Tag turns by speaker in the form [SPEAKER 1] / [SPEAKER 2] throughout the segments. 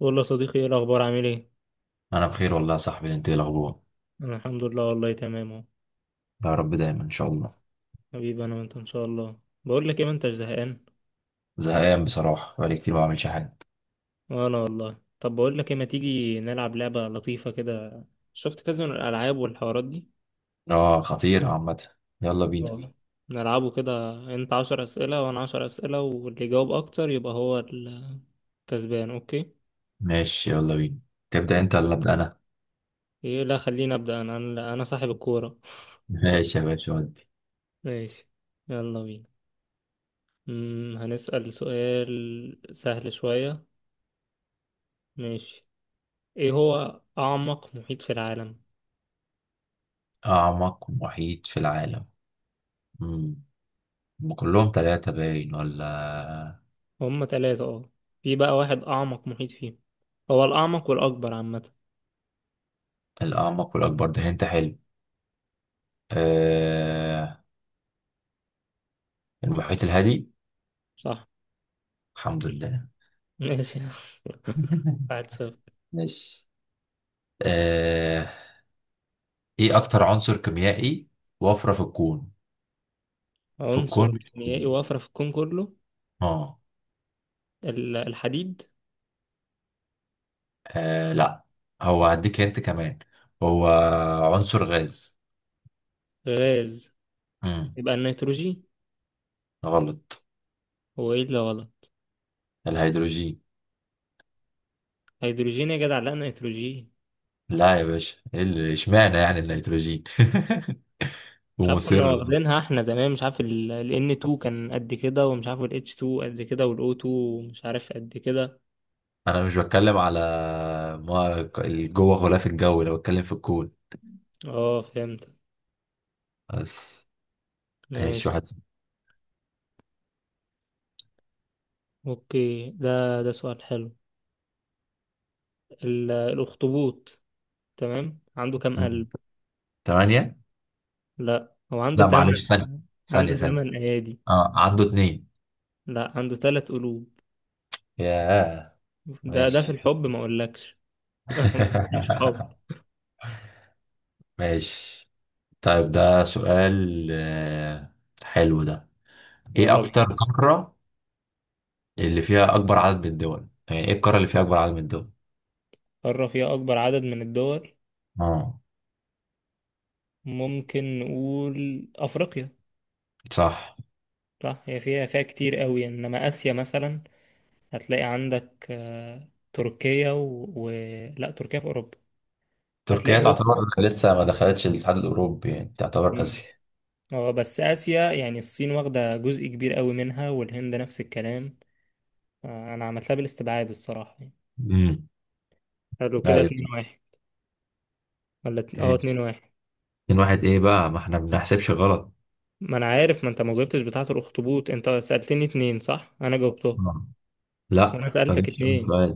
[SPEAKER 1] بقول له يا صديقي، ايه الاخبار؟ عامل ايه؟
[SPEAKER 2] انا بخير والله يا صاحبي، انت إيه الاخبار؟
[SPEAKER 1] انا الحمد لله والله تمام اهو.
[SPEAKER 2] يا رب دايما ان شاء الله.
[SPEAKER 1] حبيبي انا وانت ان شاء الله. بقول لك ايه، ما انتش زهقان؟
[SPEAKER 2] زهقان بصراحه، بقالي كتير ما بعملش حاجه.
[SPEAKER 1] وانا والله. طب بقول لك ايه، ما تيجي نلعب لعبه لطيفه كده؟ شفت كذا من الالعاب والحوارات دي.
[SPEAKER 2] اه، خطير عامه. يلا بينا.
[SPEAKER 1] اه، نلعبه كده، انت عشر اسئله وانا عشر اسئله، واللي يجاوب اكتر يبقى هو الكسبان. اوكي؟
[SPEAKER 2] ماشي، يلا بينا. تبدا انت ولا ابدا انا؟
[SPEAKER 1] ايه لا، خليني ابدا انا انا أنا صاحب الكوره.
[SPEAKER 2] ماشي يا باشا ودي.
[SPEAKER 1] ماشي، يلا بينا. هنسال سؤال سهل شويه. ماشي. ايه هو أعمق محيط في العالم؟
[SPEAKER 2] اعمق محيط في العالم. امم هم كلهم ثلاثه باين ولا؟
[SPEAKER 1] هما تلاتة اه، في بقى واحد أعمق محيط فيهم، هو الأعمق والأكبر عامة.
[SPEAKER 2] الاعمق والاكبر ده انت حلو. آه... المحيط الهادي.
[SPEAKER 1] صح.
[SPEAKER 2] الحمد لله.
[SPEAKER 1] ماشي. واحد صفر.
[SPEAKER 2] ماشي. آه... ايه اكتر عنصر كيميائي وفره في الكون؟ في
[SPEAKER 1] عنصر
[SPEAKER 2] الكون.
[SPEAKER 1] كيميائي وافرة في الكون كله؟
[SPEAKER 2] اه.
[SPEAKER 1] الحديد.
[SPEAKER 2] لا. هو هديك انت كمان. هو عنصر غاز.
[SPEAKER 1] غاز؟
[SPEAKER 2] امم
[SPEAKER 1] يبقى النيتروجين.
[SPEAKER 2] غلط.
[SPEAKER 1] هو ايه اللي غلط؟
[SPEAKER 2] الهيدروجين.
[SPEAKER 1] هيدروجين يا جدع؟ لا، نيتروجين.
[SPEAKER 2] لا يا باشا، اشمعنى يعني الهيدروجين.
[SPEAKER 1] مش عارف، كنا
[SPEAKER 2] ومصر.
[SPEAKER 1] واخدينها احنا زمان، مش عارف ال N2 كان قد كده، ومش عارف ال H2 قد كده، وال O2 مش عارف قد كده.
[SPEAKER 2] انا مش بتكلم على، ما جوه غلاف الجو انا بتكلم في الكون.
[SPEAKER 1] اه فهمت.
[SPEAKER 2] بس. ماشي
[SPEAKER 1] ماشي.
[SPEAKER 2] واحد.
[SPEAKER 1] اوكي، ده سؤال حلو. الأخطبوط، تمام؟ عنده كام
[SPEAKER 2] أمم.
[SPEAKER 1] قلب؟
[SPEAKER 2] تمانية.
[SPEAKER 1] لا، هو عنده
[SPEAKER 2] لا
[SPEAKER 1] تمن.
[SPEAKER 2] معلش، ثانية. ثانية
[SPEAKER 1] عنده
[SPEAKER 2] ثانية
[SPEAKER 1] تمن أيادي؟
[SPEAKER 2] اه عنده اتنين.
[SPEAKER 1] لا، عنده تلات قلوب.
[SPEAKER 2] ياه.
[SPEAKER 1] ده في
[SPEAKER 2] ماشي.
[SPEAKER 1] الحب، ما أقولكش. ما أقولكش حب.
[SPEAKER 2] ماشي. طيب ده سؤال، حلو ده. ايه
[SPEAKER 1] يلا بينا.
[SPEAKER 2] اكتر قارة اللي فيها اكبر عدد من الدول؟ يعني ايه القارة اللي فيها اكبر عدد من الدول؟
[SPEAKER 1] قارة فيها أكبر عدد من الدول؟
[SPEAKER 2] اه.
[SPEAKER 1] ممكن نقول أفريقيا.
[SPEAKER 2] صح.
[SPEAKER 1] صح، هي فيها كتير قوي، إنما آسيا مثلا هتلاقي عندك آه، تركيا و... و... لا، تركيا في أوروبا. هتلاقي
[SPEAKER 2] تركيا تعتبر
[SPEAKER 1] روسيا.
[SPEAKER 2] لسه ما دخلتش الاتحاد الاوروبي يعني تعتبر
[SPEAKER 1] مم.
[SPEAKER 2] اسيا.
[SPEAKER 1] اه، بس آسيا يعني الصين واخدة جزء كبير قوي منها، والهند نفس الكلام. آه، انا عملتها بالاستبعاد الصراحه يعني.
[SPEAKER 2] امم.
[SPEAKER 1] حلو كده،
[SPEAKER 2] ايوه.
[SPEAKER 1] 2-1. ولا
[SPEAKER 2] إيه.
[SPEAKER 1] 2-1؟
[SPEAKER 2] 2-1 ايه بقى، ما احنا ما بنحسبش غلط.
[SPEAKER 1] ما انا عارف، ما انت ما جاوبتش بتاعه الاخطبوط، انت سالتني اتنين صح، انا جاوبتهم.
[SPEAKER 2] آه.
[SPEAKER 1] وانا
[SPEAKER 2] لا، انت ما
[SPEAKER 1] سالتك
[SPEAKER 2] جبتش اول
[SPEAKER 1] اتنين.
[SPEAKER 2] سؤال.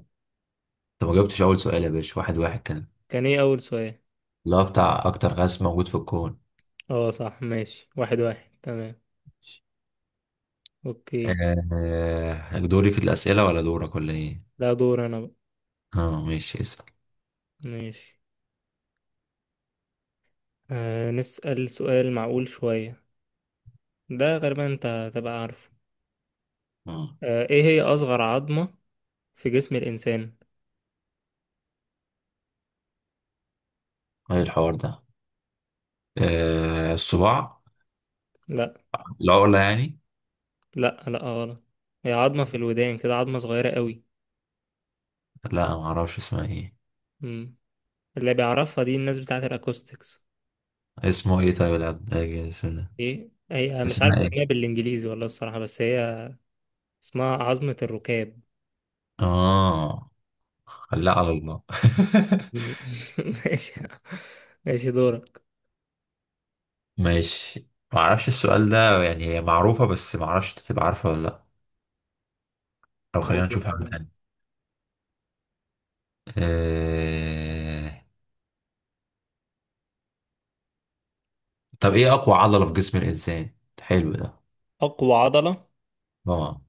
[SPEAKER 2] انت ما جاوبتش اول سؤال يا باشا، 1-1 كان.
[SPEAKER 1] كان ايه اول سؤال؟
[SPEAKER 2] اللي هو بتاع اكتر غاز موجود في الكون.
[SPEAKER 1] اه صح، ماشي، واحد واحد، تمام. اوكي،
[SPEAKER 2] دوري في الاسئلة ولا دورك ولا ايه؟
[SPEAKER 1] ده دور انا بقى.
[SPEAKER 2] اه ماشي، اسأل.
[SPEAKER 1] ماشي. آه، نسال سؤال معقول شويه. ده غالبا انت هتبقى عارفه.
[SPEAKER 2] آه.
[SPEAKER 1] آه، ايه هي اصغر عظمه في جسم الانسان؟
[SPEAKER 2] ايه الحوار ده؟ آه الصباع.
[SPEAKER 1] لا.
[SPEAKER 2] العقلة يعني.
[SPEAKER 1] لا غلط. هي عظمه في الودان كده، عظمه صغيره قوي.
[SPEAKER 2] لا ما اعرفش اسمها ايه.
[SPEAKER 1] اللي بيعرفها دي الناس بتاعت الاكوستكس.
[SPEAKER 2] اسمه ايه طيب العلاج اسمه ده؟
[SPEAKER 1] ايه هي؟ مش عارف
[SPEAKER 2] اسمها
[SPEAKER 1] اسمها
[SPEAKER 2] ايه؟
[SPEAKER 1] بالانجليزي والله الصراحة، بس هي اسمها عظمة الركاب.
[SPEAKER 2] اه. لا، على الله.
[SPEAKER 1] ماشي. ماشي دورك.
[SPEAKER 2] ماشي. ما اعرفش السؤال ده، يعني هي معروفة بس ما اعرفش انت تبقى عارفة ولا لا. طب خلينا نشوف حاجة تانية. آه... طب ايه اقوى عضلة في جسم الانسان؟ حلو ده.
[SPEAKER 1] اقوى عضلة؟
[SPEAKER 2] اه.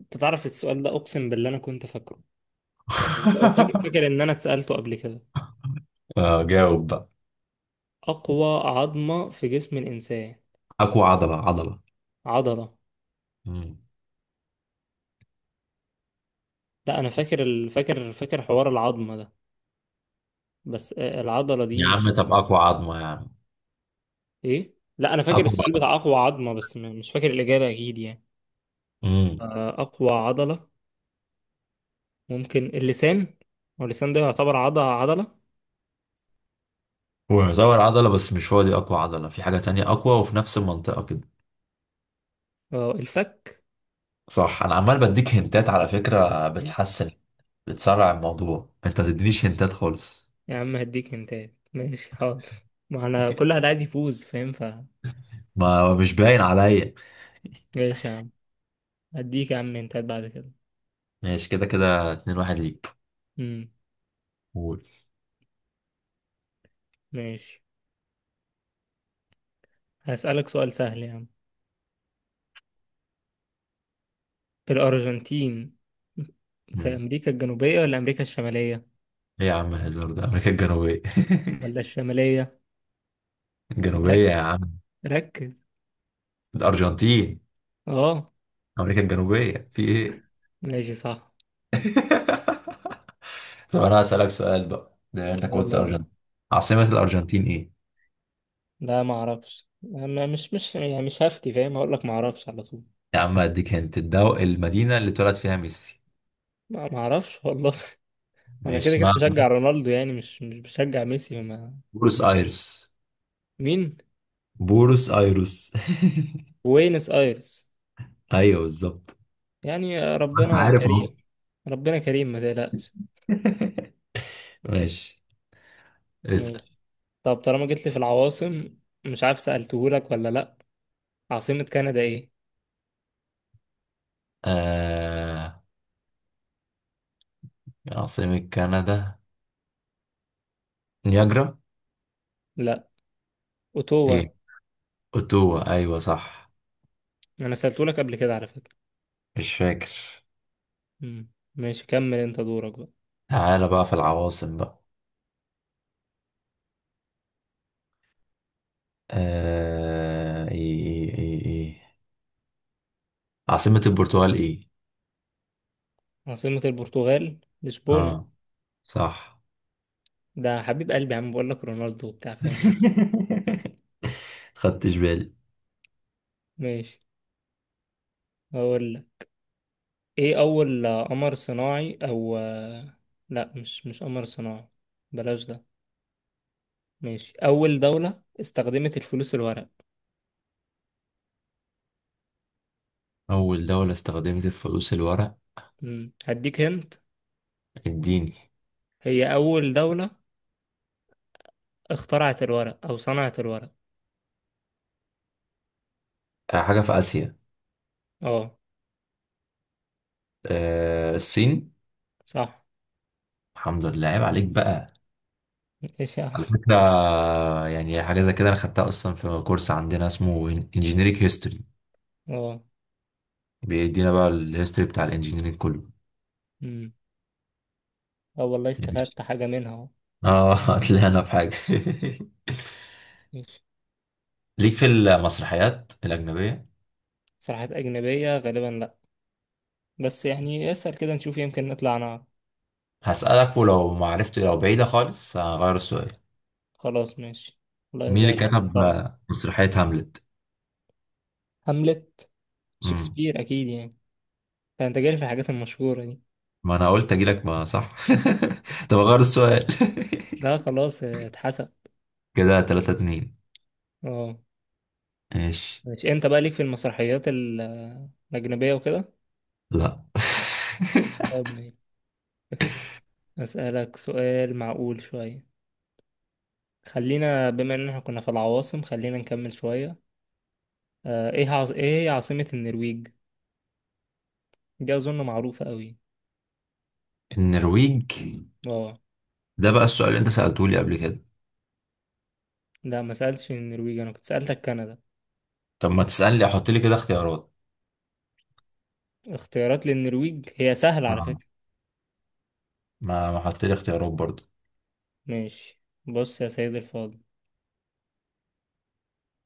[SPEAKER 1] انت تعرف السؤال ده، اقسم بالله انا كنت فاكره. أو فاكر فاكر ان انا اتسألته قبل كده.
[SPEAKER 2] اه جاوب بقى.
[SPEAKER 1] اقوى عظمة في جسم الانسان؟
[SPEAKER 2] اقوى عضلة، عضلة.
[SPEAKER 1] عضلة.
[SPEAKER 2] مم.
[SPEAKER 1] لا، انا فاكر ال... فاكر حوار العظمة ده، بس آه، العضلة دي
[SPEAKER 2] يا عم
[SPEAKER 1] مش.
[SPEAKER 2] طب اقوى عظمة يا عم.
[SPEAKER 1] ايه؟ لا، انا فاكر
[SPEAKER 2] اقوى
[SPEAKER 1] السؤال
[SPEAKER 2] عظمة.
[SPEAKER 1] بتاع اقوى عظمة، بس مش فاكر الاجابة اكيد يعني.
[SPEAKER 2] مم.
[SPEAKER 1] آه، أقوى عضلة ممكن اللسان. واللسان ده يعتبر عضلة.
[SPEAKER 2] هو يعتبر عضلة بس مش هو دي أقوى عضلة، في حاجة تانية أقوى وفي نفس المنطقة كده.
[SPEAKER 1] اه، الفك.
[SPEAKER 2] صح. أنا عمال بديك هنتات على فكرة، بتحسن. بتسرع الموضوع، أنت تدينيش هنتات خالص.
[SPEAKER 1] يا عم هديك هنتات، ماشي حاضر. ما انا كل واحد عايز يفوز، فاهم؟ ف...
[SPEAKER 2] ما مش باين عليا.
[SPEAKER 1] ماشي يا عم، هديك يا عم هنتات بعد كده.
[SPEAKER 2] ماشي، كده كده 2-1 ليك.
[SPEAKER 1] امم.
[SPEAKER 2] قول.
[SPEAKER 1] ماشي، هسألك سؤال سهل يا عم. الأرجنتين في
[SPEAKER 2] مم.
[SPEAKER 1] أمريكا الجنوبية ولا أمريكا الشمالية؟
[SPEAKER 2] إيه يا عم الهزار ده، أمريكا الجنوبية.
[SPEAKER 1] ولا الشمالية؟
[SPEAKER 2] الجنوبية
[SPEAKER 1] ركز،
[SPEAKER 2] يا عم.
[SPEAKER 1] ركز.
[SPEAKER 2] الأرجنتين.
[SPEAKER 1] اه،
[SPEAKER 2] أمريكا الجنوبية، في إيه؟
[SPEAKER 1] ماشي صح.
[SPEAKER 2] طب أنا هسألك سؤال بقى، ده أنت قلت
[SPEAKER 1] يلا بينا.
[SPEAKER 2] الأرجنتين. عاصمة الأرجنتين إيه؟
[SPEAKER 1] لا ما اعرفش، انا مش يعني مش هفتي، فاهم، هقول لك ما اعرفش على طول.
[SPEAKER 2] يا عم اديك هنت، المدينة اللي اتولد فيها ميسي.
[SPEAKER 1] لا ما اعرفش والله. انا
[SPEAKER 2] ماشي
[SPEAKER 1] كده كده
[SPEAKER 2] اسمها
[SPEAKER 1] بشجع رونالدو يعني، مش بشجع ميسي، وما...
[SPEAKER 2] بورس ايرس.
[SPEAKER 1] مين؟
[SPEAKER 2] بورس ايرس.
[SPEAKER 1] بوينس ايرس.
[SPEAKER 2] ايوه بالظبط.
[SPEAKER 1] يعني
[SPEAKER 2] انت
[SPEAKER 1] ربنا
[SPEAKER 2] عارف اهو.
[SPEAKER 1] كريم. ربنا كريم، ما تقلقش.
[SPEAKER 2] ماشي. اسأل.
[SPEAKER 1] ماشي. طب طالما جيت لي في العواصم، مش عارف سألتهولك ولا لا، عاصمة كندا ايه؟
[SPEAKER 2] آه... عاصمة كندا. نياجرا.
[SPEAKER 1] لا. اوتوا.
[SPEAKER 2] ايه؟ اوتوا. ايوه صح.
[SPEAKER 1] انا سألتهولك قبل كده على فكرة.
[SPEAKER 2] مش فاكر.
[SPEAKER 1] مم. ماشي، كمل انت دورك بقى.
[SPEAKER 2] تعالى بقى في العواصم بقى. ايه عاصمة البرتغال ايه؟
[SPEAKER 1] عاصمة البرتغال لشبونة.
[SPEAKER 2] اه. صح.
[SPEAKER 1] ده حبيب قلبي يا عم، بقول لك رونالدو وبتاع، فاهم.
[SPEAKER 2] خدتش بالي.
[SPEAKER 1] ماشي. هو ايه اول آه، قمر صناعي او آه، لا مش قمر صناعي، بلاش ده. ماشي، اول دولة استخدمت الفلوس الورق؟
[SPEAKER 2] أول دولة استخدمت الفلوس الورق.
[SPEAKER 1] مم، هديك هنت.
[SPEAKER 2] اديني.
[SPEAKER 1] هي اول دولة اخترعت الورق او صنعت الورق.
[SPEAKER 2] حاجة في آسيا.
[SPEAKER 1] اه
[SPEAKER 2] الصين.
[SPEAKER 1] صح.
[SPEAKER 2] الحمد لله، عيب عليك بقى.
[SPEAKER 1] ايش يا عم؟
[SPEAKER 2] على فكرة. يعني حاجة زي كده أنا خدتها أصلا في كورس عندنا اسمه انجينيريك هيستوري.
[SPEAKER 1] اه.
[SPEAKER 2] بيدينا بقى الهيستوري بتاع الانجينيرينج كله.
[SPEAKER 1] مم. اه والله، استفدت حاجة منها اهو.
[SPEAKER 2] اه. هتلاقينا في حاجة.
[SPEAKER 1] ماشي.
[SPEAKER 2] ليك في المسرحيات الأجنبية.
[SPEAKER 1] صراحة اجنبية غالبا لا، بس يعني اسأل كده نشوف، يمكن نطلع نعرف.
[SPEAKER 2] هسألك، ولو ما عرفت لو بعيدة خالص هغير السؤال.
[SPEAKER 1] خلاص ماشي. والله
[SPEAKER 2] مين
[SPEAKER 1] ده
[SPEAKER 2] اللي كتب
[SPEAKER 1] شطارة.
[SPEAKER 2] مسرحية هاملت؟
[SPEAKER 1] هاملت؟
[SPEAKER 2] مم.
[SPEAKER 1] شكسبير اكيد يعني، ده انت جاي في الحاجات المشهورة دي.
[SPEAKER 2] ما أنا قلت أجيلك ما صح. طب أغير السؤال.
[SPEAKER 1] لا خلاص آه، اتحسن.
[SPEAKER 2] كده 3-2.
[SPEAKER 1] اه
[SPEAKER 2] ماشي.
[SPEAKER 1] ماشي، انت بقى ليك في المسرحيات الأجنبية وكده.
[SPEAKER 2] لا.
[SPEAKER 1] طب ماشي. أسألك سؤال معقول شوية. خلينا بما ان احنا كنا في العواصم، خلينا نكمل شوية. آه، ايه عاص... ايه هي عاصمة النرويج؟ دي اظن معروفة قوي.
[SPEAKER 2] النرويج.
[SPEAKER 1] اه.
[SPEAKER 2] ده بقى السؤال اللي انت سألته لي قبل كده.
[SPEAKER 1] لا، ما سألتش النرويج، انا كنت سألتك كندا.
[SPEAKER 2] طب ما تسألني احط لي كده اختيارات.
[SPEAKER 1] اختيارات للنرويج؟ هي سهلة على
[SPEAKER 2] آه.
[SPEAKER 1] فكرة.
[SPEAKER 2] ما حط لي اختيارات برضو.
[SPEAKER 1] ماشي، بص يا سيد الفاضل،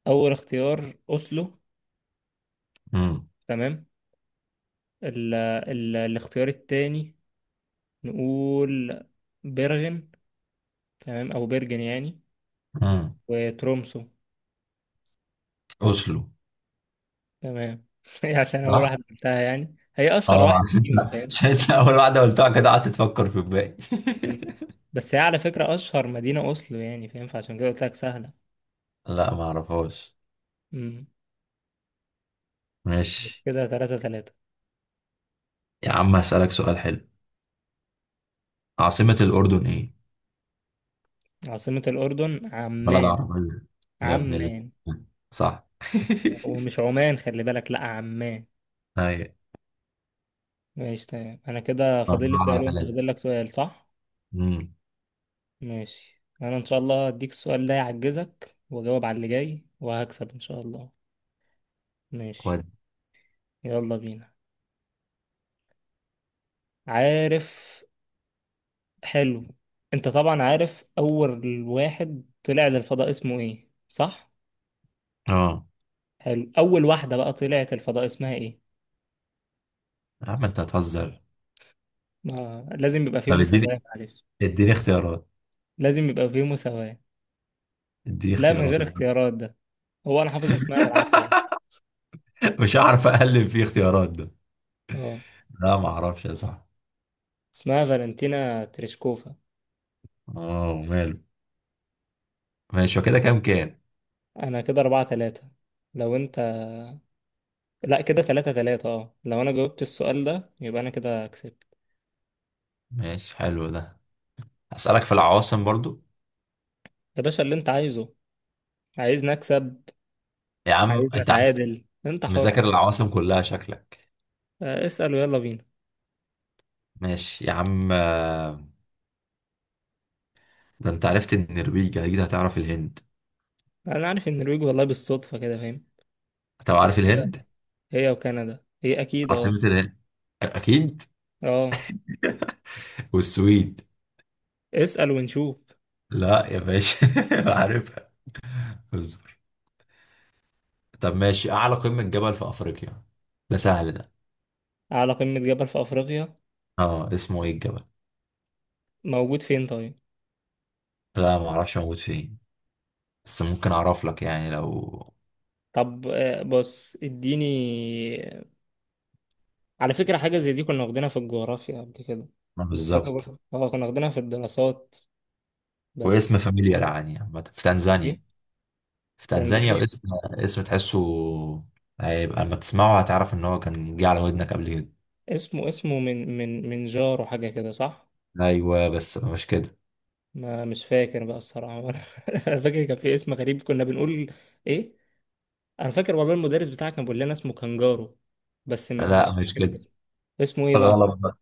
[SPEAKER 1] اول اختيار اوسلو،
[SPEAKER 2] امم.
[SPEAKER 1] تمام. ال... الاختيار التاني نقول بيرغن، تمام، او بيرجن يعني.
[SPEAKER 2] امم.
[SPEAKER 1] وترومسو.
[SPEAKER 2] اوسلو.
[SPEAKER 1] تمام. هي عشان اول
[SPEAKER 2] صح.
[SPEAKER 1] واحده قلتها يعني، هي اشهر
[SPEAKER 2] اه.
[SPEAKER 1] واحده فيهم، فاهم.
[SPEAKER 2] عشان انت اول واحدة قلتها كده قعدت تفكر في الباقي.
[SPEAKER 1] مم. بس هي على فكره اشهر مدينه اوسلو يعني، فاهم، فعشان كده قلت لك سهله.
[SPEAKER 2] لا ما اعرفهاش.
[SPEAKER 1] مم.
[SPEAKER 2] ماشي.
[SPEAKER 1] كده تلاتة تلاتة.
[SPEAKER 2] يا عم هسألك سؤال حلو، عاصمة الأردن ايه؟
[SPEAKER 1] عاصمه الاردن
[SPEAKER 2] بلد
[SPEAKER 1] عمان.
[SPEAKER 2] عربية. يا ابن الله.
[SPEAKER 1] عمان.
[SPEAKER 2] صح.
[SPEAKER 1] ومش عمان، خلي بالك، لا عمان.
[SPEAKER 2] أيوة.
[SPEAKER 1] ماشي تمام، انا كده فاضل لي سؤال
[SPEAKER 2] أربعة
[SPEAKER 1] وانت
[SPEAKER 2] ثلاثة
[SPEAKER 1] فاضل لك سؤال صح.
[SPEAKER 2] امم.
[SPEAKER 1] ماشي، انا ان شاء الله هديك السؤال ده يعجزك، واجاوب على اللي جاي وهكسب ان شاء الله. ماشي، يلا بينا. عارف، حلو، انت طبعا عارف اول واحد طلع للفضاء اسمه ايه صح؟
[SPEAKER 2] اه.
[SPEAKER 1] حلو، اول واحدة بقى طلعت الفضاء اسمها ايه؟
[SPEAKER 2] يا عم انت هتهزر.
[SPEAKER 1] ما لازم يبقى فيه
[SPEAKER 2] طب اديني.
[SPEAKER 1] مساواة، معلش.
[SPEAKER 2] اديني اختيارات.
[SPEAKER 1] لازم يبقى فيه مساواة.
[SPEAKER 2] اديني
[SPEAKER 1] لا من
[SPEAKER 2] اختيارات.
[SPEAKER 1] غير اختيارات ده، هو انا حافظ اسمها بالعافية بس.
[SPEAKER 2] مش هعرف اقلب في اختيارات ده.
[SPEAKER 1] اه،
[SPEAKER 2] لا ما اعرفش يا صاحبي.
[SPEAKER 1] اسمها فالنتينا تريشكوفا.
[SPEAKER 2] اه ماله. ماشي، وكده كام كام؟
[SPEAKER 1] انا كده اربعة تلاتة. لو انت... لا كده تلاتة تلاتة، اه، لو انا جاوبت السؤال ده يبقى انا كده كسبت.
[SPEAKER 2] ماشي، حلو ده. اسالك في العواصم برضو.
[SPEAKER 1] يا باشا اللي انت عايزه، عايزني اكسب
[SPEAKER 2] يا عم
[SPEAKER 1] عايز
[SPEAKER 2] انت عارف.
[SPEAKER 1] نتعادل، انت حر.
[SPEAKER 2] مذاكر العواصم كلها شكلك.
[SPEAKER 1] آه، اسأل ويلا بينا.
[SPEAKER 2] ماشي يا عم. ده انت عرفت النرويج اكيد هتعرف الهند.
[SPEAKER 1] انا عارف ان النرويج والله بالصدفة كده، فاهم.
[SPEAKER 2] انت عارف
[SPEAKER 1] هي،
[SPEAKER 2] الهند.
[SPEAKER 1] هي وكندا اكيد، اه.
[SPEAKER 2] عاصمة الهند. اكيد.
[SPEAKER 1] اه،
[SPEAKER 2] والسويد.
[SPEAKER 1] اسأل ونشوف.
[SPEAKER 2] لا يا باشا. عارفها. طب ماشي، اعلى قمة جبل في افريقيا. ده سهل ده.
[SPEAKER 1] على قمة جبل في افريقيا؟
[SPEAKER 2] اه اسمه ايه الجبل؟
[SPEAKER 1] موجود فين طيب؟
[SPEAKER 2] لا ما اعرفش موجود فين. بس ممكن اعرف لك يعني لو.
[SPEAKER 1] طب آه، بص اديني. على فكرة حاجة زي دي كنا واخدينها في الجغرافيا قبل كده،
[SPEAKER 2] ما
[SPEAKER 1] فاكر،
[SPEAKER 2] بالظبط.
[SPEAKER 1] اه كنا واخدينها في الدراسات، بس.
[SPEAKER 2] واسم فاميليار يعني، عامة في
[SPEAKER 1] ايه؟
[SPEAKER 2] تنزانيا. في تنزانيا،
[SPEAKER 1] تنزانيا؟
[SPEAKER 2] واسم تحسه. هيبقى اما تسمعه هتعرف ان هو كان جه على ودنك قبل كده.
[SPEAKER 1] اسمه، اسمه من جارو حاجة كده صح؟
[SPEAKER 2] ايوه بس مش كده.
[SPEAKER 1] ما مش فاكر بقى الصراحة. أنا فاكر كان في اسم غريب كنا بنقول إيه. أنا فاكر والله المدرس بتاعك كان بيقول لنا اسمه كانجارو، بس ما
[SPEAKER 2] لا
[SPEAKER 1] مش
[SPEAKER 2] مش
[SPEAKER 1] فاكر
[SPEAKER 2] كده.
[SPEAKER 1] اسمه. اسمه إيه بقى؟
[SPEAKER 2] غلط بقى.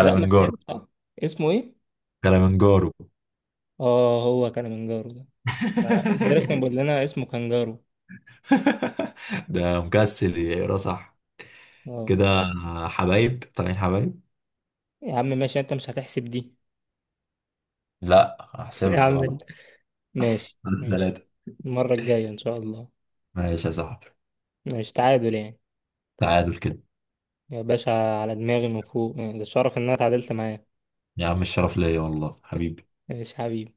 [SPEAKER 1] لا ما تهيألي آه، اسمه إيه؟
[SPEAKER 2] كلمنجارو.
[SPEAKER 1] آه، هو كلمنجارو ده. لا، المدرس كان بيقول لنا اسمه كانجارو.
[SPEAKER 2] ده مكسل يقرا صح.
[SPEAKER 1] آه.
[SPEAKER 2] كده. حبايب طالعين حبايب.
[SPEAKER 1] يا عم ماشي، أنت مش هتحسب دي.
[SPEAKER 2] لا
[SPEAKER 1] يا
[SPEAKER 2] هحسبها
[SPEAKER 1] عم أنت.
[SPEAKER 2] غلط.
[SPEAKER 1] ماشي
[SPEAKER 2] ثلاثة
[SPEAKER 1] ماشي،
[SPEAKER 2] ثلاثة
[SPEAKER 1] المرة الجاية إن شاء الله.
[SPEAKER 2] ماشي يا صاحبي.
[SPEAKER 1] ماشي، تعادل يعني.
[SPEAKER 2] تعادل كده.
[SPEAKER 1] يا باشا على دماغي من فوق، آه، ده الشرف إن أنا اتعادلت معاه.
[SPEAKER 2] يا عم الشرف ليا والله حبيبي.
[SPEAKER 1] ماشي حبيبي.